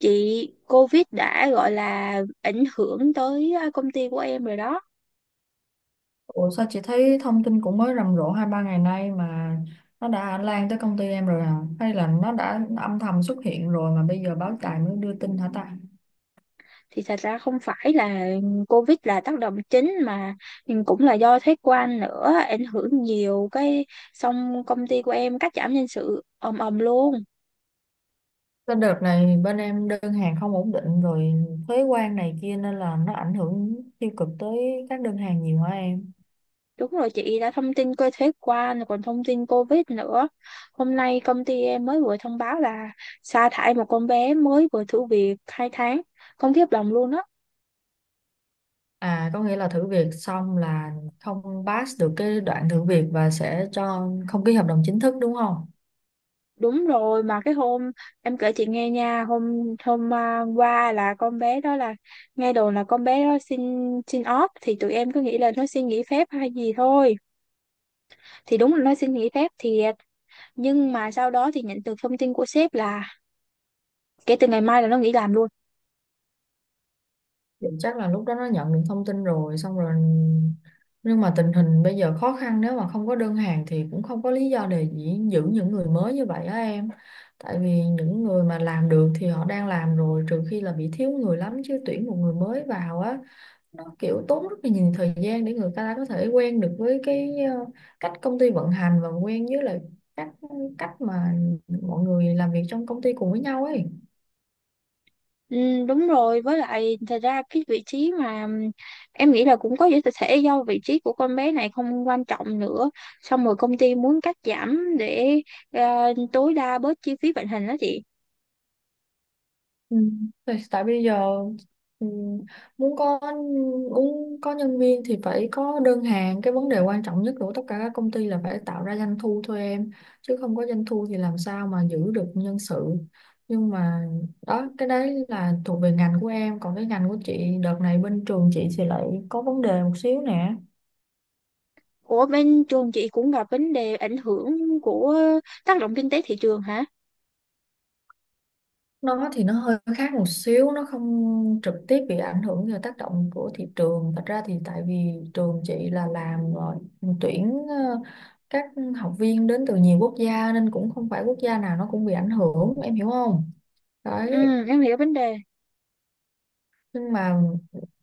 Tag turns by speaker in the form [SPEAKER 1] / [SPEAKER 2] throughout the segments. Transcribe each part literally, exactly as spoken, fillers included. [SPEAKER 1] Chị, COVID đã gọi là ảnh hưởng tới à, công ty của em rồi đó.
[SPEAKER 2] Ủa sao chị thấy thông tin cũng mới rầm rộ hai ba ngày nay mà nó đã lan tới công ty em rồi à? Hay là nó đã âm thầm xuất hiện rồi mà bây giờ báo đài mới đưa tin hả ta?
[SPEAKER 1] Thì thật ra không phải là COVID là tác động chính, mà cũng là do thuế quan nữa ảnh hưởng nhiều cái, xong công ty của em cắt giảm nhân sự ầm ầm luôn.
[SPEAKER 2] Cái đợt này bên em đơn hàng không ổn định rồi, thuế quan này kia nên là nó ảnh hưởng tiêu cực tới các đơn hàng nhiều hả em?
[SPEAKER 1] Đúng rồi chị, đã thông tin coi thuế quan rồi còn thông tin COVID nữa. Hôm nay công ty em mới vừa thông báo là sa thải một con bé mới vừa thử việc hai tháng. Không, khiếp lòng luôn đó.
[SPEAKER 2] À, có nghĩa là thử việc xong là không pass được cái đoạn thử việc và sẽ cho không ký hợp đồng chính thức đúng không?
[SPEAKER 1] Đúng rồi, mà cái hôm em kể chị nghe nha, hôm hôm à, qua là con bé đó là, nghe đồn là con bé đó xin xin off. Thì tụi em cứ nghĩ là nó xin nghỉ phép hay gì thôi, thì đúng là nó xin nghỉ phép thiệt. Nhưng mà sau đó thì nhận được thông tin của sếp là kể từ ngày mai là nó nghỉ làm luôn.
[SPEAKER 2] Thì chắc là lúc đó nó nhận được thông tin rồi, xong rồi. Nhưng mà tình hình bây giờ khó khăn, nếu mà không có đơn hàng thì cũng không có lý do để dĩ- giữ những người mới như vậy á em. Tại vì những người mà làm được thì họ đang làm rồi, trừ khi là bị thiếu người lắm, chứ tuyển một người mới vào á, nó kiểu tốn rất là nhiều thời gian để người ta có thể quen được với cái ờ, cách công ty vận hành, và quen với lại các cách mà mọi người làm việc trong công ty cùng với nhau ấy.
[SPEAKER 1] Ừ, đúng rồi, với lại thật ra cái vị trí mà ừm, em nghĩ là cũng có thể thể do vị trí của con bé này không quan trọng nữa, xong rồi công ty muốn cắt giảm để à, tối đa bớt chi phí vận hành đó chị.
[SPEAKER 2] Ừ. Tại tại bây giờ, ừ, muốn có muốn có nhân viên thì phải có đơn hàng. Cái vấn đề quan trọng nhất của tất cả các công ty là phải tạo ra doanh thu thôi em, chứ không có doanh thu thì làm sao mà giữ được nhân sự. Nhưng mà đó, cái đấy là thuộc về ngành của em, còn cái ngành của chị đợt này, bên trường chị thì lại có vấn đề một xíu nè.
[SPEAKER 1] Ủa bên trường chị cũng gặp vấn đề ảnh hưởng của tác động kinh tế thị trường hả?
[SPEAKER 2] Nó thì nó hơi khác một xíu, nó không trực tiếp bị ảnh hưởng do tác động của thị trường, thật ra thì tại vì trường chị là làm rồi, tuyển ờ, các học viên đến từ nhiều quốc gia, nên cũng không phải quốc gia nào nó cũng bị ảnh hưởng em hiểu không. Đấy.
[SPEAKER 1] Ừ, em hiểu vấn đề.
[SPEAKER 2] Nhưng mà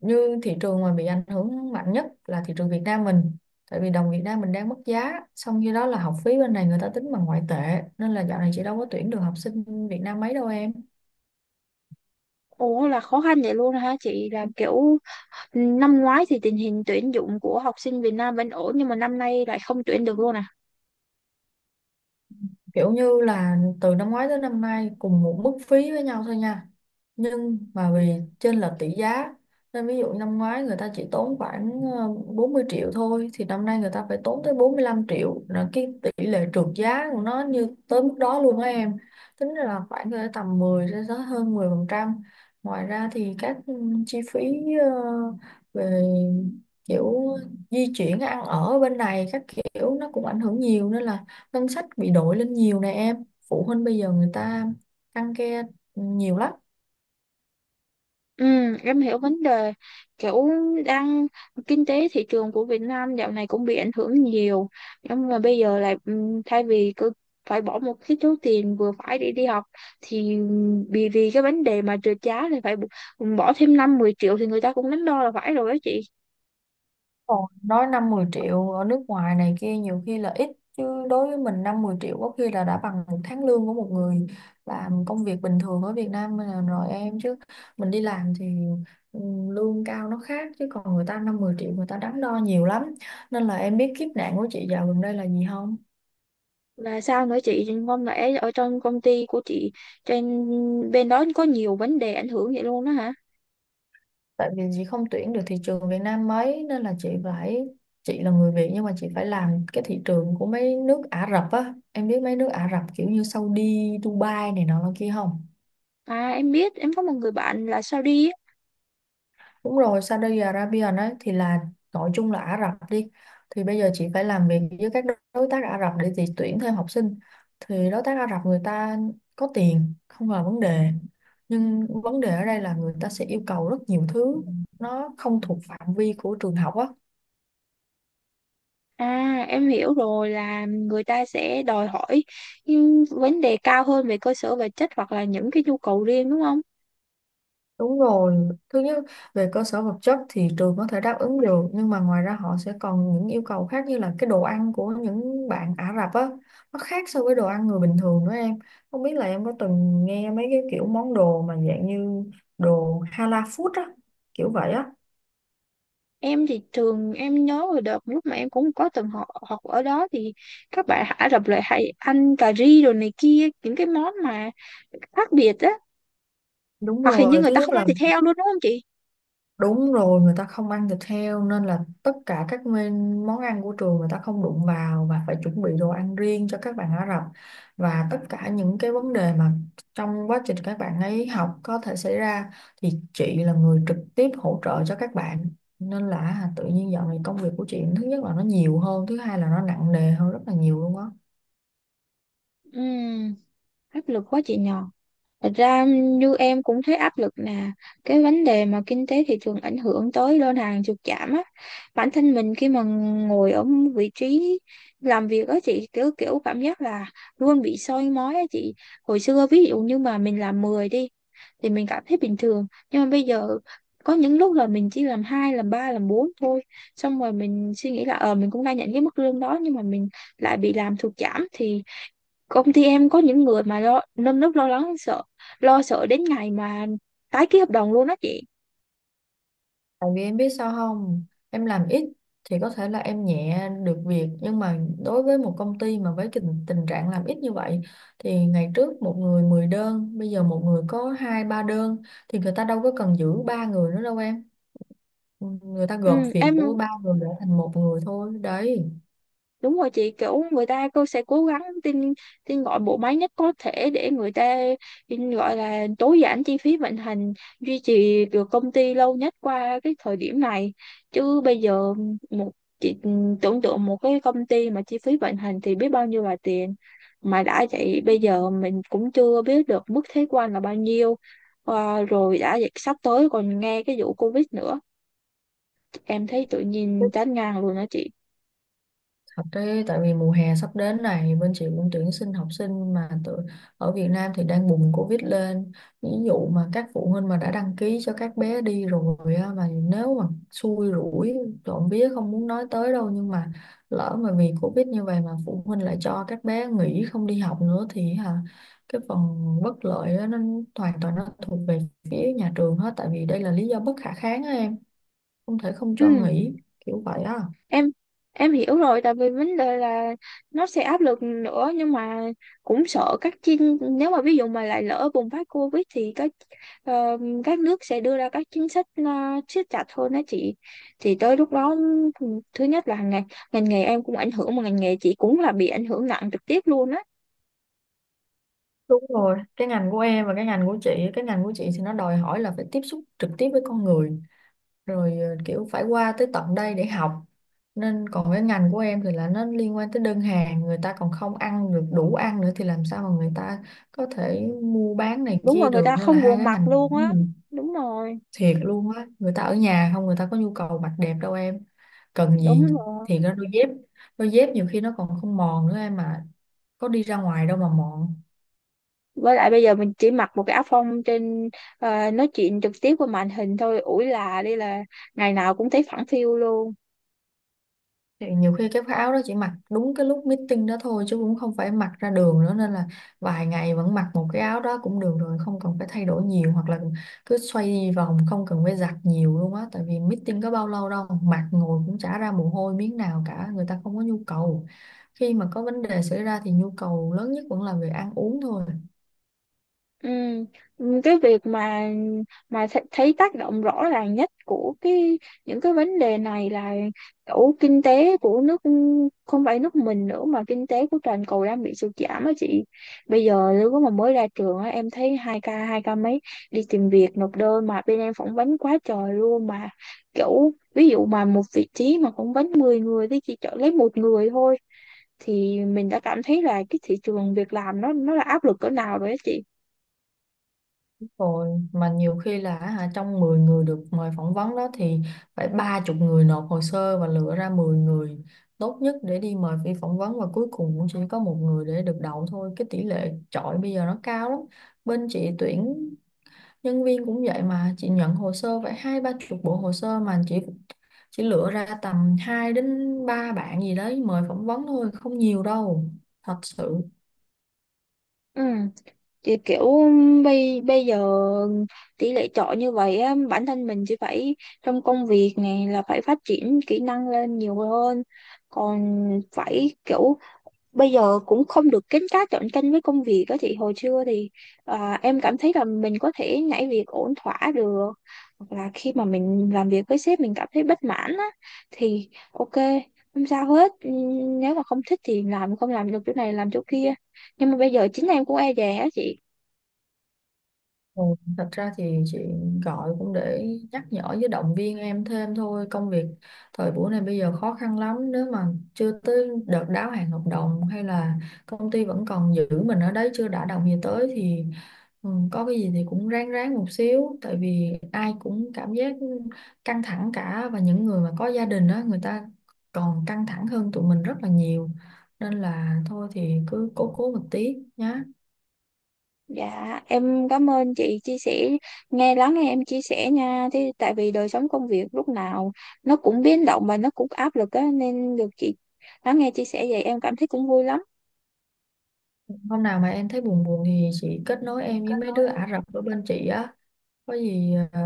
[SPEAKER 2] như thị trường mà bị ảnh hưởng mạnh nhất là thị trường Việt Nam mình, tại vì đồng Việt Nam mình đang mất giá, xong khi đó là học phí bên này người ta tính bằng ngoại tệ, nên là dạo này chị đâu có tuyển được học sinh Việt Nam mấy đâu em.
[SPEAKER 1] Ủa là khó khăn vậy luôn hả chị? Là kiểu, ừ, năm ngoái thì tình hình tuyển dụng của học sinh Việt Nam vẫn ổn nhưng mà năm nay lại không tuyển được luôn à?
[SPEAKER 2] Kiểu như là từ năm ngoái tới năm nay cùng một mức phí với nhau thôi nha, nhưng mà vì chênh lệch tỷ giá nên ví dụ năm ngoái người ta chỉ tốn khoảng ờ, bốn mươi triệu thôi, thì năm nay người ta phải tốn tới bốn mươi lăm triệu, là cái tỷ lệ trượt giá của nó như tới mức đó luôn á em. Tính ra là khoảng cỡ tầm mười đến tới hơn mười phần trăm. Ngoài ra thì các ừ, chi phí ờ, về kiểu di chuyển, ăn ở bên này các kiểu nó cũng ảnh hưởng nhiều, nên là ngân sách bị đổi lên nhiều nè em. Phụ huynh bây giờ người ta ăn ke nhiều lắm.
[SPEAKER 1] Ừ, em hiểu vấn đề. Kiểu đang kinh tế thị trường của Việt Nam dạo này cũng bị ảnh hưởng nhiều, nhưng mà bây giờ là ừm, thay vì cứ phải bỏ một cái số tiền vừa phải để đi học, thì ừm, vì vì cái vấn đề mà trượt giá thì phải b- bỏ thêm năm mười triệu thì người ta cũng đắn đo là phải rồi đó chị.
[SPEAKER 2] Còn nói năm mười triệu ở nước ngoài này kia nhiều khi là ít, chứ đối với mình năm mười triệu có khi là đã bằng một tháng lương của một người làm công việc bình thường ở Việt Nam là rồi em. Chứ mình đi làm thì ừ, lương cao nó khác, chứ còn người ta năm mười triệu người ta đắn đo nhiều lắm. Nên là em biết kiếp nạn của chị dạo gần đây là gì không.
[SPEAKER 1] Là sao nữa chị, không lẽ ở trong công ty của chị, trên bên đó có nhiều vấn đề ảnh hưởng vậy luôn đó hả?
[SPEAKER 2] Tại vì chị không tuyển được thị trường Việt Nam mấy, nên là chị phải, chị là người Việt nhưng mà chị phải làm cái thị trường của mấy nước Ả Rập á. Em biết mấy nước Ả Rập kiểu như Saudi, Dubai này nọ là kia không.
[SPEAKER 1] À, em biết, em có một người bạn là sao đi.
[SPEAKER 2] Đúng rồi, Saudi Arabia nói thì là, gọi chung là Ả Rập đi. Thì bây giờ chị phải làm việc với các đối tác Ả Rập để chị tuyển thêm học sinh, thì đối tác Ả Rập người ta có tiền không là vấn đề, nhưng vấn đề ở đây là người ta sẽ yêu cầu rất nhiều thứ nó không thuộc phạm vi của trường học á.
[SPEAKER 1] À, em hiểu rồi là người ta sẽ đòi hỏi những vấn đề cao hơn về cơ sở vật chất hoặc là những cái nhu cầu riêng đúng không?
[SPEAKER 2] Đúng rồi, thứ nhất về cơ sở vật chất thì trường có thể đáp ứng được, nhưng mà ngoài ra họ sẽ còn những yêu cầu khác, như là cái đồ ăn của những bạn Ả Rập á, nó khác so với đồ ăn người bình thường nữa em. Không biết là em có từng nghe mấy cái kiểu món đồ mà dạng như đồ halal food á, kiểu vậy á.
[SPEAKER 1] Em thì trường em nhớ hồi đợt lúc mà em cũng có từng học học ở đó, thì các bạn Ả Rập lại hay ăn cà ri rồi này kia, những cái món mà khác biệt á.
[SPEAKER 2] Đúng
[SPEAKER 1] Hoặc hình như
[SPEAKER 2] rồi,
[SPEAKER 1] người
[SPEAKER 2] thứ
[SPEAKER 1] ta
[SPEAKER 2] nhất
[SPEAKER 1] không ăn
[SPEAKER 2] là,
[SPEAKER 1] thịt heo luôn đúng không chị?
[SPEAKER 2] đúng rồi, người ta không ăn thịt heo nên là tất cả các men- món ăn của trường người ta không đụng vào, và phải chuẩn bị đồ ăn riêng cho các bạn Ả Rập. Và tất cả những cái vấn đề mà trong quá trình các bạn ấy học có thể xảy ra thì chị là người trực tiếp hỗ trợ cho các bạn. Nên là tự nhiên dạo này công việc của chị thứ nhất là nó nhiều hơn, thứ hai là nó nặng nề hơn rất là nhiều luôn á.
[SPEAKER 1] Ừ, áp lực quá chị nhờ. Thật ra như em cũng thấy áp lực nè, cái vấn đề mà kinh tế thị trường ảnh hưởng tới đơn hàng sụt giảm á, bản thân mình khi mà ngồi ở vị trí làm việc á chị, kiểu kiểu cảm giác là luôn bị soi mói á chị. Hồi xưa ví dụ như mà mình làm mười đi, thì mình cảm thấy bình thường. Nhưng mà bây giờ có những lúc là mình chỉ làm hai, làm ba, làm bốn thôi, xong rồi mình suy nghĩ là ờ mình cũng đang nhận cái mức lương đó nhưng mà mình lại bị làm sụt giảm. Thì công ty em có những người mà lo nơm nớp lo lắng sợ, lo sợ đến ngày mà tái ký hợp đồng luôn á chị.
[SPEAKER 2] Tại vì em biết sao không, em làm ít thì có thể là em nhẹ được việc, nhưng mà đối với một công ty mà với tình, tình trạng làm ít như vậy thì ngày trước một người mười đơn, bây giờ một người có hai ba đơn, thì người ta đâu có cần giữ ba người nữa đâu em. Người ta
[SPEAKER 1] Ừ,
[SPEAKER 2] gộp việc
[SPEAKER 1] em,
[SPEAKER 2] của ba người để thành một người thôi. Đấy.
[SPEAKER 1] đúng rồi chị, kiểu người ta cô sẽ cố gắng tin tin gọi bộ máy nhất có thể để người ta tin gọi là tối giản chi phí vận hành, duy trì được công ty lâu nhất qua cái thời điểm này. Chứ bây giờ một chị tưởng tượng một cái công ty mà chi phí vận hành thì biết bao nhiêu là tiền, mà đã vậy bây giờ mình cũng chưa biết được mức thuế quan là bao nhiêu. Ờ, rồi đã vậy sắp tới còn nghe cái vụ Covid nữa, em thấy tự nhiên chán ngang luôn đó chị.
[SPEAKER 2] Thật đấy, tại vì mùa hè sắp đến này bên chị cũng tuyển sinh học sinh, mà tự, ở Việt Nam thì đang bùng Covid lên. Ví dụ mà các phụ huynh mà đã đăng ký cho các bé đi rồi á, mà nếu mà xui rủi, trộm vía không muốn nói tới đâu, nhưng mà lỡ mà vì Covid như vậy mà phụ huynh lại cho các bé nghỉ không đi học nữa thì hả, cái phần bất lợi á, nó hoàn toàn nó thuộc về phía nhà trường hết, tại vì đây là lý do bất khả kháng á em, không thể không cho
[SPEAKER 1] Ừ.
[SPEAKER 2] nghỉ, kiểu vậy á.
[SPEAKER 1] em em hiểu rồi, tại vì vấn đề là nó sẽ áp lực nữa. Nhưng mà cũng sợ các chính, nếu mà ví dụ mà lại lỡ bùng phát Covid thì các ờ, các nước sẽ đưa ra các chính sách ờ, siết chặt hơn đó chị. Thì tới lúc đó thứ nhất là ngành ngành nghề em cũng ảnh hưởng, mà ngành nghề chị cũng là bị ảnh hưởng nặng trực tiếp luôn á.
[SPEAKER 2] Đúng rồi, cái ngành của em và cái ngành của chị, cái ngành của chị thì nó đòi hỏi là phải tiếp xúc trực tiếp với con người, rồi ờ, kiểu phải qua tới tận đây để học. Nên còn cái ngành của em thì là nó liên quan tới đơn hàng, người ta còn không ăn được đủ ăn nữa thì làm sao mà người ta có thể mua bán này
[SPEAKER 1] Đúng
[SPEAKER 2] kia
[SPEAKER 1] rồi, người
[SPEAKER 2] được.
[SPEAKER 1] ta
[SPEAKER 2] Nên là
[SPEAKER 1] không
[SPEAKER 2] hai
[SPEAKER 1] buồn
[SPEAKER 2] cái
[SPEAKER 1] mặt
[SPEAKER 2] ngành này
[SPEAKER 1] luôn
[SPEAKER 2] của
[SPEAKER 1] á.
[SPEAKER 2] mình
[SPEAKER 1] Đúng rồi.
[SPEAKER 2] thiệt luôn á, người ta ở nhà không, người ta có nhu cầu mặc đẹp đâu em. Cần
[SPEAKER 1] Đúng
[SPEAKER 2] gì,
[SPEAKER 1] rồi,
[SPEAKER 2] thì nó đôi dép, đôi dép nhiều khi nó còn không mòn nữa em, mà có đi ra ngoài đâu mà mòn.
[SPEAKER 1] với lại bây giờ mình chỉ mặc một cái áo phông trên, ờ, nói chuyện trực tiếp qua màn hình thôi, ủi là đi là ngày nào cũng thấy phẳng phiu luôn.
[SPEAKER 2] Thì nhiều khi cái áo đó chỉ mặc đúng cái lúc meeting đó thôi, chứ cũng không phải mặc ra đường nữa, nên là vài ngày vẫn mặc một cái áo đó cũng được rồi, không cần phải thay đổi nhiều, hoặc là cứ xoay vòng không cần phải giặt nhiều luôn á, tại vì meeting có bao lâu đâu, mặc ngồi cũng chả ra mồ hôi miếng nào cả, người ta không có nhu cầu. Khi mà có vấn đề xảy ra thì nhu cầu lớn nhất vẫn là về ăn uống thôi.
[SPEAKER 1] Ừ. Cái việc mà mà th- thấy tác động rõ ràng nhất của cái những cái vấn đề này là kiểu kinh tế của nước, không phải nước mình nữa mà kinh tế của toàn cầu đang bị sụt giảm á chị. Bây giờ nếu mà mới ra trường á, em thấy hai ca hai ca mấy đi tìm việc nộp đơn mà bên em phỏng vấn quá trời luôn. Mà kiểu ví dụ mà một vị trí mà phỏng vấn mười người thì chỉ chọn lấy một người thôi, thì mình đã cảm thấy là cái thị trường việc làm nó nó là áp lực cỡ nào rồi á chị.
[SPEAKER 2] Rồi mà nhiều khi là hả, trong mười người được mời phỏng vấn đó thì phải ba chục người nộp hồ sơ, và lựa ra mười người tốt nhất để đi mời đi phỏng vấn, và cuối cùng cũng chỉ có một người để được đậu thôi. Cái tỷ lệ chọi bây giờ nó cao lắm. Bên chị tuyển nhân viên cũng vậy, mà chị nhận hồ sơ phải hai ba chục bộ hồ sơ, mà chị chỉ lựa ra tầm hai đến ba bạn gì đấy mời phỏng vấn thôi, không nhiều đâu. Thật sự.
[SPEAKER 1] Ừ, thì kiểu bây bây giờ tỷ lệ chọi như vậy á, bản thân mình chỉ phải trong công việc này là phải phát triển kỹ năng lên nhiều hơn. Còn phải kiểu bây giờ cũng không được kín cá chọn canh với công việc á. Thì hồi xưa thì à, em cảm thấy là mình có thể nhảy việc ổn thỏa được, hoặc là khi mà mình làm việc với sếp mình cảm thấy bất mãn á thì ok, không sao hết. Ừ, nếu mà không thích thì làm, không làm được chỗ này làm chỗ kia. Nhưng mà bây giờ chính em cũng e dè á chị.
[SPEAKER 2] Ừ, Thật ra thì chị gọi cũng để nhắc nhở với động viên em thêm thôi. Công việc thời buổi này bây giờ khó khăn lắm, nếu mà chưa tới đợt đáo hạn hợp đồng, hay là công ty vẫn còn giữ mình ở đấy chưa đã đồng gì tới thì ừ, có cái gì thì cũng ráng ráng một xíu, tại vì ai cũng cảm giác căng thẳng cả, và những người mà có gia đình đó người ta còn căng thẳng hơn tụi mình rất là nhiều, nên là thôi thì cứ cố cố một tí nhá.
[SPEAKER 1] Dạ, em cảm ơn chị chia sẻ, nghe lắng nghe em chia sẻ nha. Thế tại vì đời sống công việc lúc nào nó cũng biến động và nó cũng áp lực á, nên được chị lắng nghe chia sẻ vậy em cảm thấy cũng vui lắm.
[SPEAKER 2] Hôm nào mà em thấy buồn buồn thì chị kết nối em với
[SPEAKER 1] Kết
[SPEAKER 2] mấy
[SPEAKER 1] nối.
[SPEAKER 2] đứa Ả Rập ở bên chị á. Có gì ờ,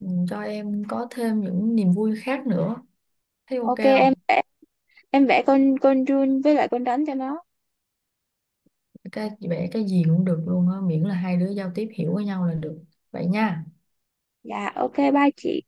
[SPEAKER 2] ừ, cho em có thêm những niềm vui khác nữa. Thấy ok
[SPEAKER 1] Ok, em
[SPEAKER 2] không?
[SPEAKER 1] vẽ em vẽ con con run với lại con rắn cho nó.
[SPEAKER 2] Cái vẽ cái gì cũng được luôn á, miễn là hai đứa giao tiếp hiểu với nhau là được. Vậy nha.
[SPEAKER 1] Dạ, ok bye chị.